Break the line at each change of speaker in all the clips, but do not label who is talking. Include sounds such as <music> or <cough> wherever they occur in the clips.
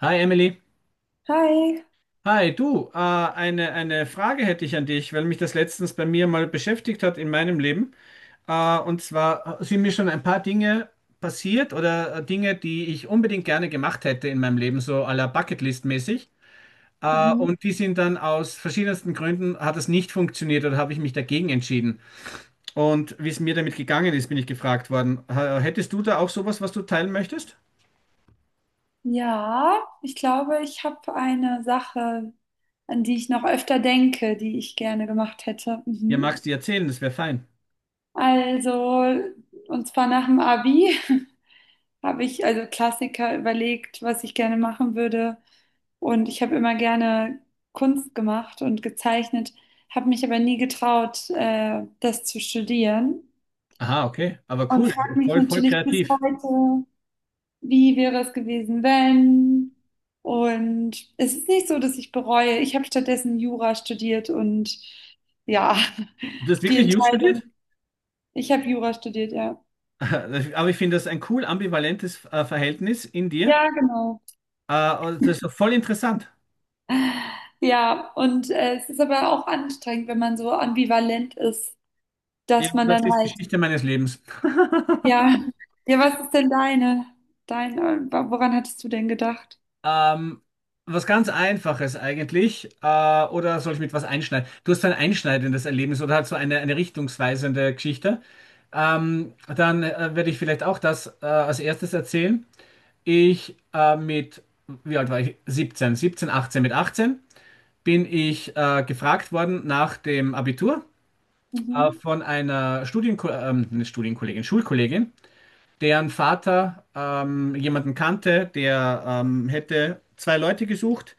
Hi Emily.
Hi.
Hi, du, eine Frage hätte ich an dich, weil mich das letztens bei mir mal beschäftigt hat in meinem Leben. Und zwar sind mir schon ein paar Dinge passiert oder Dinge, die ich unbedingt gerne gemacht hätte in meinem Leben, so à la Bucketlist-mäßig. Äh,
Mhm.
und die sind dann aus verschiedensten Gründen, hat es nicht funktioniert oder habe ich mich dagegen entschieden. Und wie es mir damit gegangen ist, bin ich gefragt worden. Hättest du da auch sowas, was du teilen möchtest?
Ja, ich glaube, ich habe eine Sache, an die ich noch öfter denke, die ich gerne gemacht hätte.
Ja,
Mhm.
magst du erzählen, das wäre fein.
Also, und zwar nach dem Abi <laughs> habe ich also Klassiker überlegt, was ich gerne machen würde. Und ich habe immer gerne Kunst gemacht und gezeichnet, habe mich aber nie getraut, das zu studieren.
Aha, okay, aber
Und
cool,
frage mich
voll, voll
natürlich bis
kreativ.
heute, wie wäre es gewesen, wenn? Und es ist nicht so, dass ich bereue. Ich habe stattdessen Jura studiert und ja,
Du hast
<laughs> die
wirklich Jus
Entscheidung.
studiert?
Ich habe Jura studiert, ja.
<laughs> Aber ich finde das ein cool ambivalentes Verhältnis in dir.
Ja, genau.
Und das ist voll interessant.
Ja, und es ist aber auch anstrengend, wenn man so ambivalent ist,
Ja,
dass man
das
dann
ist
halt,
Geschichte meines Lebens.
ja, ja, was ist denn dein, woran hattest du denn gedacht?
Ähm, Was ganz Einfaches eigentlich. Oder soll ich mit was einschneiden? Du hast so ein einschneidendes Erlebnis oder halt so eine richtungsweisende Geschichte. Dann werde ich vielleicht auch das als erstes erzählen. Ich äh, mit, Wie alt war ich? 17, 17, 18. Mit 18 bin ich gefragt worden nach dem Abitur,
Mhm.
von einer Studienko nicht Studienkollegin, Schulkollegin, deren Vater jemanden kannte, der hätte zwei Leute gesucht,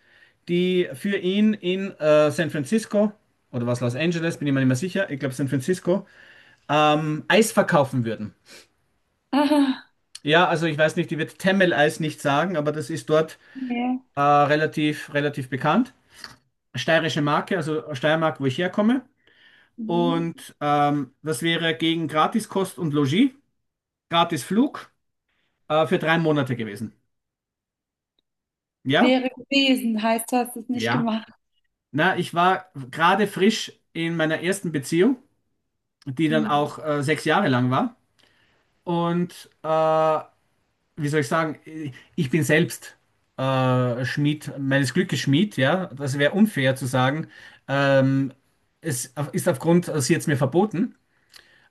die für ihn in San Francisco oder was Los Angeles, bin ich mir nicht mehr sicher, ich glaube San Francisco, Eis verkaufen würden.
<laughs> Ah,
Ja, also ich weiß nicht, die wird Temmel-Eis nicht sagen, aber das ist dort
ja.
relativ, relativ bekannt. Steirische Marke, also Steiermark, wo ich herkomme.
Mhm.
Und das wäre gegen Gratiskost und Logis, gratis Flug für 3 Monate gewesen. Ja?
Wäre gewesen, heißt, du hast es nicht
Ja.
gemacht.
Na, ich war gerade frisch in meiner ersten Beziehung, die dann
Hm.
auch 6 Jahre lang war. Und wie soll ich sagen, ich bin selbst Schmied, meines Glückes Schmied, ja. Das wäre unfair zu sagen. Ähm, Es ist aufgrund, sie hat es mir verboten.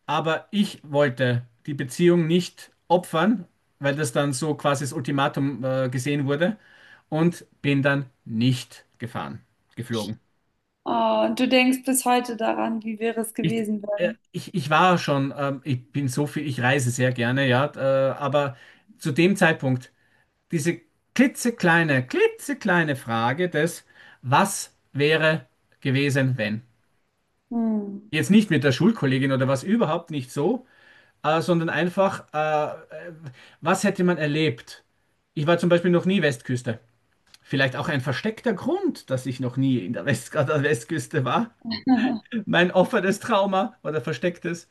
Aber ich wollte die Beziehung nicht opfern, weil das dann so quasi das Ultimatum gesehen wurde, und bin dann nicht gefahren, geflogen.
Oh, und du denkst bis heute daran, wie wäre es
Ich,
gewesen,
äh,
wenn?
ich, ich war schon, ich bin so viel, ich reise sehr gerne, ja, aber zu dem Zeitpunkt diese klitzekleine, klitzekleine Frage des, was wäre gewesen, wenn?
Hm.
Jetzt nicht mit der Schulkollegin oder was überhaupt nicht so, sondern einfach, was hätte man erlebt? Ich war zum Beispiel noch nie Westküste. Vielleicht auch ein versteckter Grund, dass ich noch nie in der West an der Westküste war.
<laughs>
Mein offenes Trauma oder verstecktes.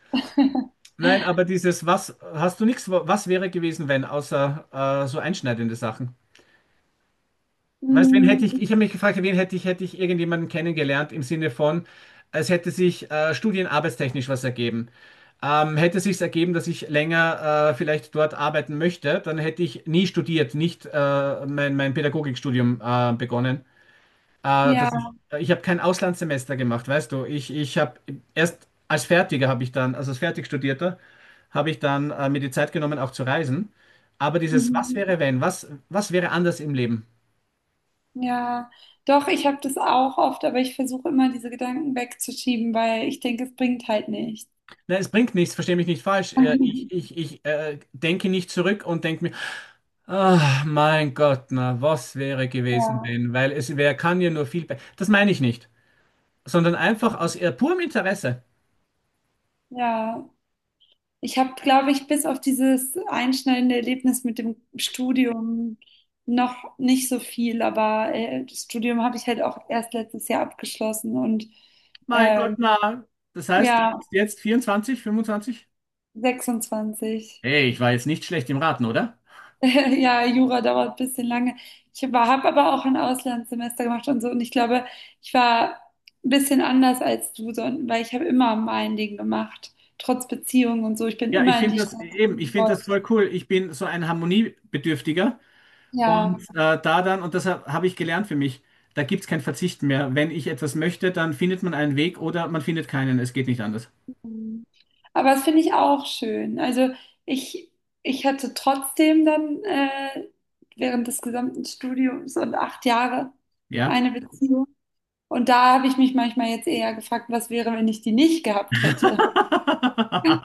Nein, aber dieses, was hast du nichts, was wäre gewesen, wenn, außer so einschneidende Sachen? Weißt, wen hätte
Hm,
ich, ich habe mich gefragt, wen hätte ich irgendjemanden kennengelernt im Sinne von, es hätte sich studienarbeitstechnisch was ergeben. Hätte sich's ergeben, dass ich länger vielleicht dort arbeiten möchte, dann hätte ich nie studiert, nicht mein Pädagogikstudium begonnen. Dass
ja,
ich ich habe kein Auslandssemester gemacht, weißt du. Ich habe erst als Fertiger habe ich dann, also als Fertigstudierter, habe ich dann mir die Zeit genommen, auch zu reisen. Aber dieses, was
mhm,
wäre wenn, was, was wäre anders im Leben?
ja, doch, ich habe das auch oft, aber ich versuche immer, diese Gedanken wegzuschieben, weil ich denke, es bringt halt nichts.
Nein, es bringt nichts, verstehe mich nicht falsch. Ich,
<laughs>
ich, ich äh, denke nicht zurück und denke mir, ah mein Gott, na, was wäre gewesen,
Ja,
wenn? Weil es, wer kann ja nur viel be-" Das meine ich nicht, sondern einfach aus purem Interesse.
ja. Ich habe, glaube ich, bis auf dieses einschneidende Erlebnis mit dem Studium noch nicht so viel, aber das Studium habe ich halt auch erst letztes Jahr abgeschlossen und
Mein Gott,
ähm,
na. Das heißt, du
ja,
bist jetzt 24, 25?
26. <laughs>
Hey, ich war jetzt nicht schlecht im Raten, oder?
Ja, Jura dauert ein bisschen lange. Ich habe aber auch ein Auslandssemester gemacht und so. Und ich glaube, ich war ein bisschen anders als du, so- weil ich habe immer mein Ding gemacht, trotz Beziehung und so. Ich bin
Ja, ich
immer in
finde
die
das
Stadt
eben, ich finde das
gefolgt.
voll cool. Ich bin so ein Harmoniebedürftiger.
Ja.
Und da dann, und das habe hab hab ich gelernt für mich, da gibt es kein Verzicht mehr. Wenn ich etwas möchte, dann findet man einen Weg oder man findet keinen. Es geht nicht anders.
Mhm. Aber das finde ich auch schön. Also ich, ich hatte trotzdem dann während des gesamten Studiums und 8 Jahre
Ja.
eine Beziehung. Und da habe ich mich manchmal jetzt eher gefragt, was wäre, wenn ich die nicht gehabt hätte.
<laughs>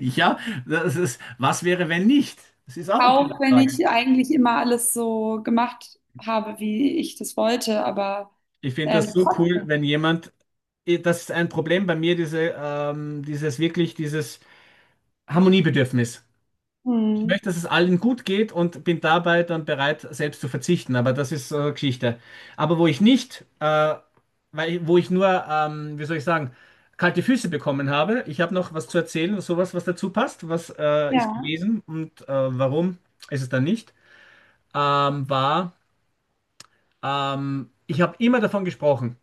Ja, das ist, was wäre, wenn nicht? Das ist auch eine coole
Auch wenn
Frage.
ich eigentlich immer alles so gemacht habe, wie ich das wollte, aber
Ich finde das so cool,
trotzdem.
wenn jemand, das ist ein Problem bei mir, diese, dieses wirklich, dieses Harmoniebedürfnis. Ich
Hm.
möchte, dass es allen gut geht und bin dabei dann bereit, selbst zu verzichten. Aber das ist Geschichte. Aber wo ich nicht, weil, wo ich nur, wie soll ich sagen, kalte Füße bekommen habe, ich habe noch was zu erzählen, sowas, was dazu passt, was ist
Ja.
gewesen und warum ist es dann nicht, war, ich habe immer davon gesprochen.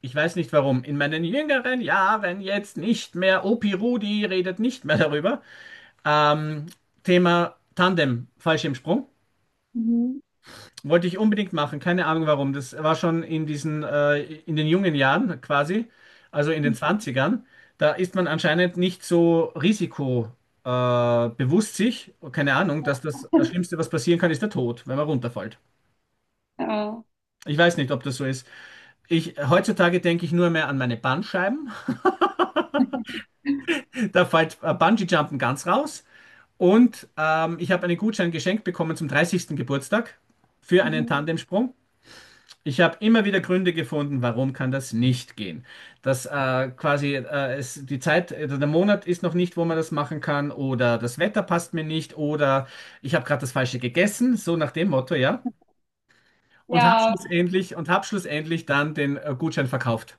Ich weiß nicht warum. In meinen jüngeren Jahren jetzt nicht mehr. Opi Rudi redet nicht mehr darüber. Ähm, Thema Tandem, Fallschirmsprung.
Mhm.
Wollte ich unbedingt machen, keine Ahnung warum. Das war schon in diesen, in den jungen Jahren quasi, also in den Zwanzigern. Da ist man anscheinend nicht so risikobewusst, bewusst sich, keine Ahnung, dass das
<laughs>
Schlimmste, was passieren kann, ist der Tod, wenn man runterfällt.
Ja.
Ich weiß nicht, ob das so ist. Ich, heutzutage denke ich nur mehr an meine Bandscheiben. <laughs> Da fällt Bungee-Jumpen ganz raus. Und ich habe einen Gutschein geschenkt bekommen zum 30. Geburtstag für einen
Mhm.
Tandemsprung. Ich habe immer wieder Gründe gefunden, warum kann das nicht gehen. Dass quasi es, die Zeit, der Monat ist noch nicht, wo man das machen kann, oder das Wetter passt mir nicht, oder ich habe gerade das Falsche gegessen, so nach dem Motto, ja. Und habe
Ja,
schlussendlich, und hab schlussendlich dann den Gutschein verkauft.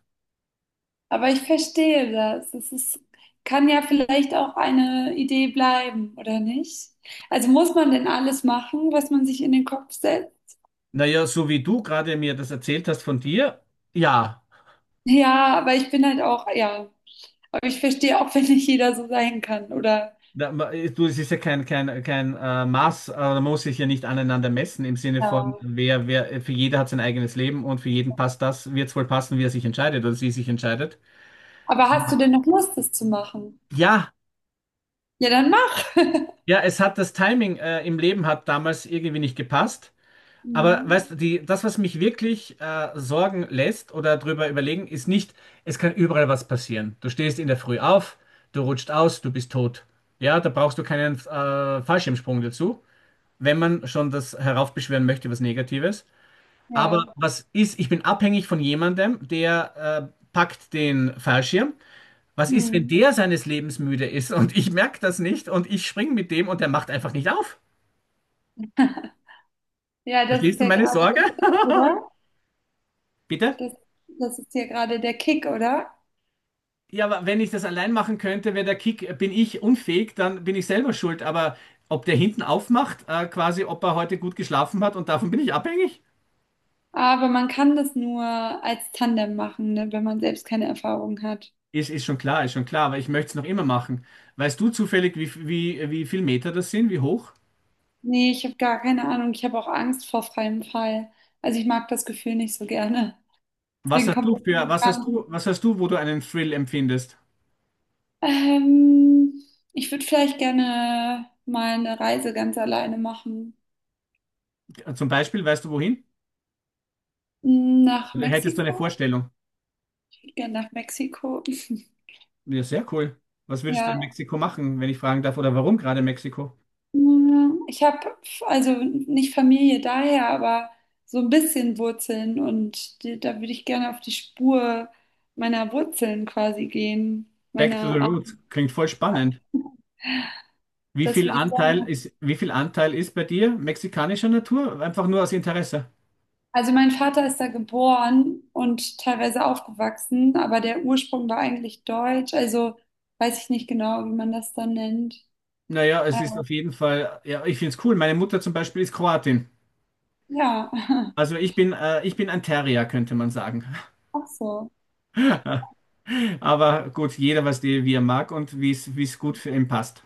aber ich verstehe das. Es ist, kann ja vielleicht auch eine Idee bleiben, oder nicht? Also muss man denn alles machen, was man sich in den Kopf setzt?
Naja, so wie du gerade mir das erzählt hast von dir, ja.
Ja, aber ich bin halt auch, ja, aber ich verstehe auch, <laughs> wenn nicht jeder so sein kann, oder?
Da, du, es ist ja kein Maß, da muss sich ja nicht aneinander messen im Sinne
Ja.
von, für jeder hat sein eigenes Leben und für jeden passt das, wird es wohl passen, wie er sich entscheidet oder sie sich entscheidet.
Aber hast du denn noch Lust, das zu machen?
Ja,
Ja, dann mach. <laughs>
ja, es hat das Timing im Leben hat damals irgendwie nicht gepasst. Aber
Mhm.
weißt du, die, das, was mich wirklich sorgen lässt oder drüber überlegen, ist nicht, es kann überall was passieren. Du stehst in der Früh auf, du rutscht aus, du bist tot. Ja, da brauchst du keinen Fallschirmsprung dazu, wenn man schon das heraufbeschwören möchte, was Negatives. Aber
Ja.
was ist, ich bin abhängig von jemandem, der packt den Fallschirm. Was ist, wenn
Mhm.
der seines Lebens müde ist und ich merke das nicht und ich springe mit dem und der macht einfach nicht auf?
Ja, das ist
Verstehst du
ja
meine
gerade der
Sorge?
Kick, oder?
<laughs> Bitte?
Das, das ist ja gerade der Kick, oder?
Ja, aber wenn ich das allein machen könnte, wäre der Kick, bin ich unfähig, dann bin ich selber schuld. Aber ob der hinten aufmacht, quasi, ob er heute gut geschlafen hat und davon bin ich abhängig?
Aber man kann das nur als Tandem machen, ne, wenn man selbst keine Erfahrung hat.
Ist, ist schon klar, aber ich möchte es noch immer machen. Weißt du zufällig, wie viel Meter das sind, wie hoch?
Nee, ich habe gar keine Ahnung. Ich habe auch Angst vor freiem Fall. Also ich mag das Gefühl nicht so gerne.
Was
Deswegen
hast
kommt
du
das für
für,
mich gar nicht.
was hast du, wo du einen Thrill empfindest?
Ähm, ich würde vielleicht gerne mal eine Reise ganz alleine machen.
Zum Beispiel, weißt du wohin?
Nach
Oder hättest du eine
Mexiko.
Vorstellung?
Ich würde gerne nach Mexiko. <laughs>
Ja, sehr cool. Was würdest du in
Ja,
Mexiko machen, wenn ich fragen darf, oder warum gerade Mexiko?
mm, ich habe also nicht Familie daher, aber so ein bisschen Wurzeln und die, da würde ich gerne auf die Spur meiner Wurzeln quasi gehen.
Back to the
Meiner Art.
roots. Klingt voll spannend. Wie
Das
viel
würde ich
Anteil
gerne.
ist, wie viel Anteil ist bei dir mexikanischer Natur? Einfach nur aus Interesse.
Also mein Vater ist da geboren und teilweise aufgewachsen, aber der Ursprung war eigentlich deutsch, also weiß ich nicht genau, wie man das dann nennt.
Naja, es ist
Ähm,
auf jeden Fall, ja, ich finde es cool. Meine Mutter zum Beispiel ist Kroatin.
Ja, <laughs>
Also ich bin ein Terrier, könnte man sagen.
ach so.
<laughs> Aber gut, jeder was die, wie er mag und wie es gut für ihn passt.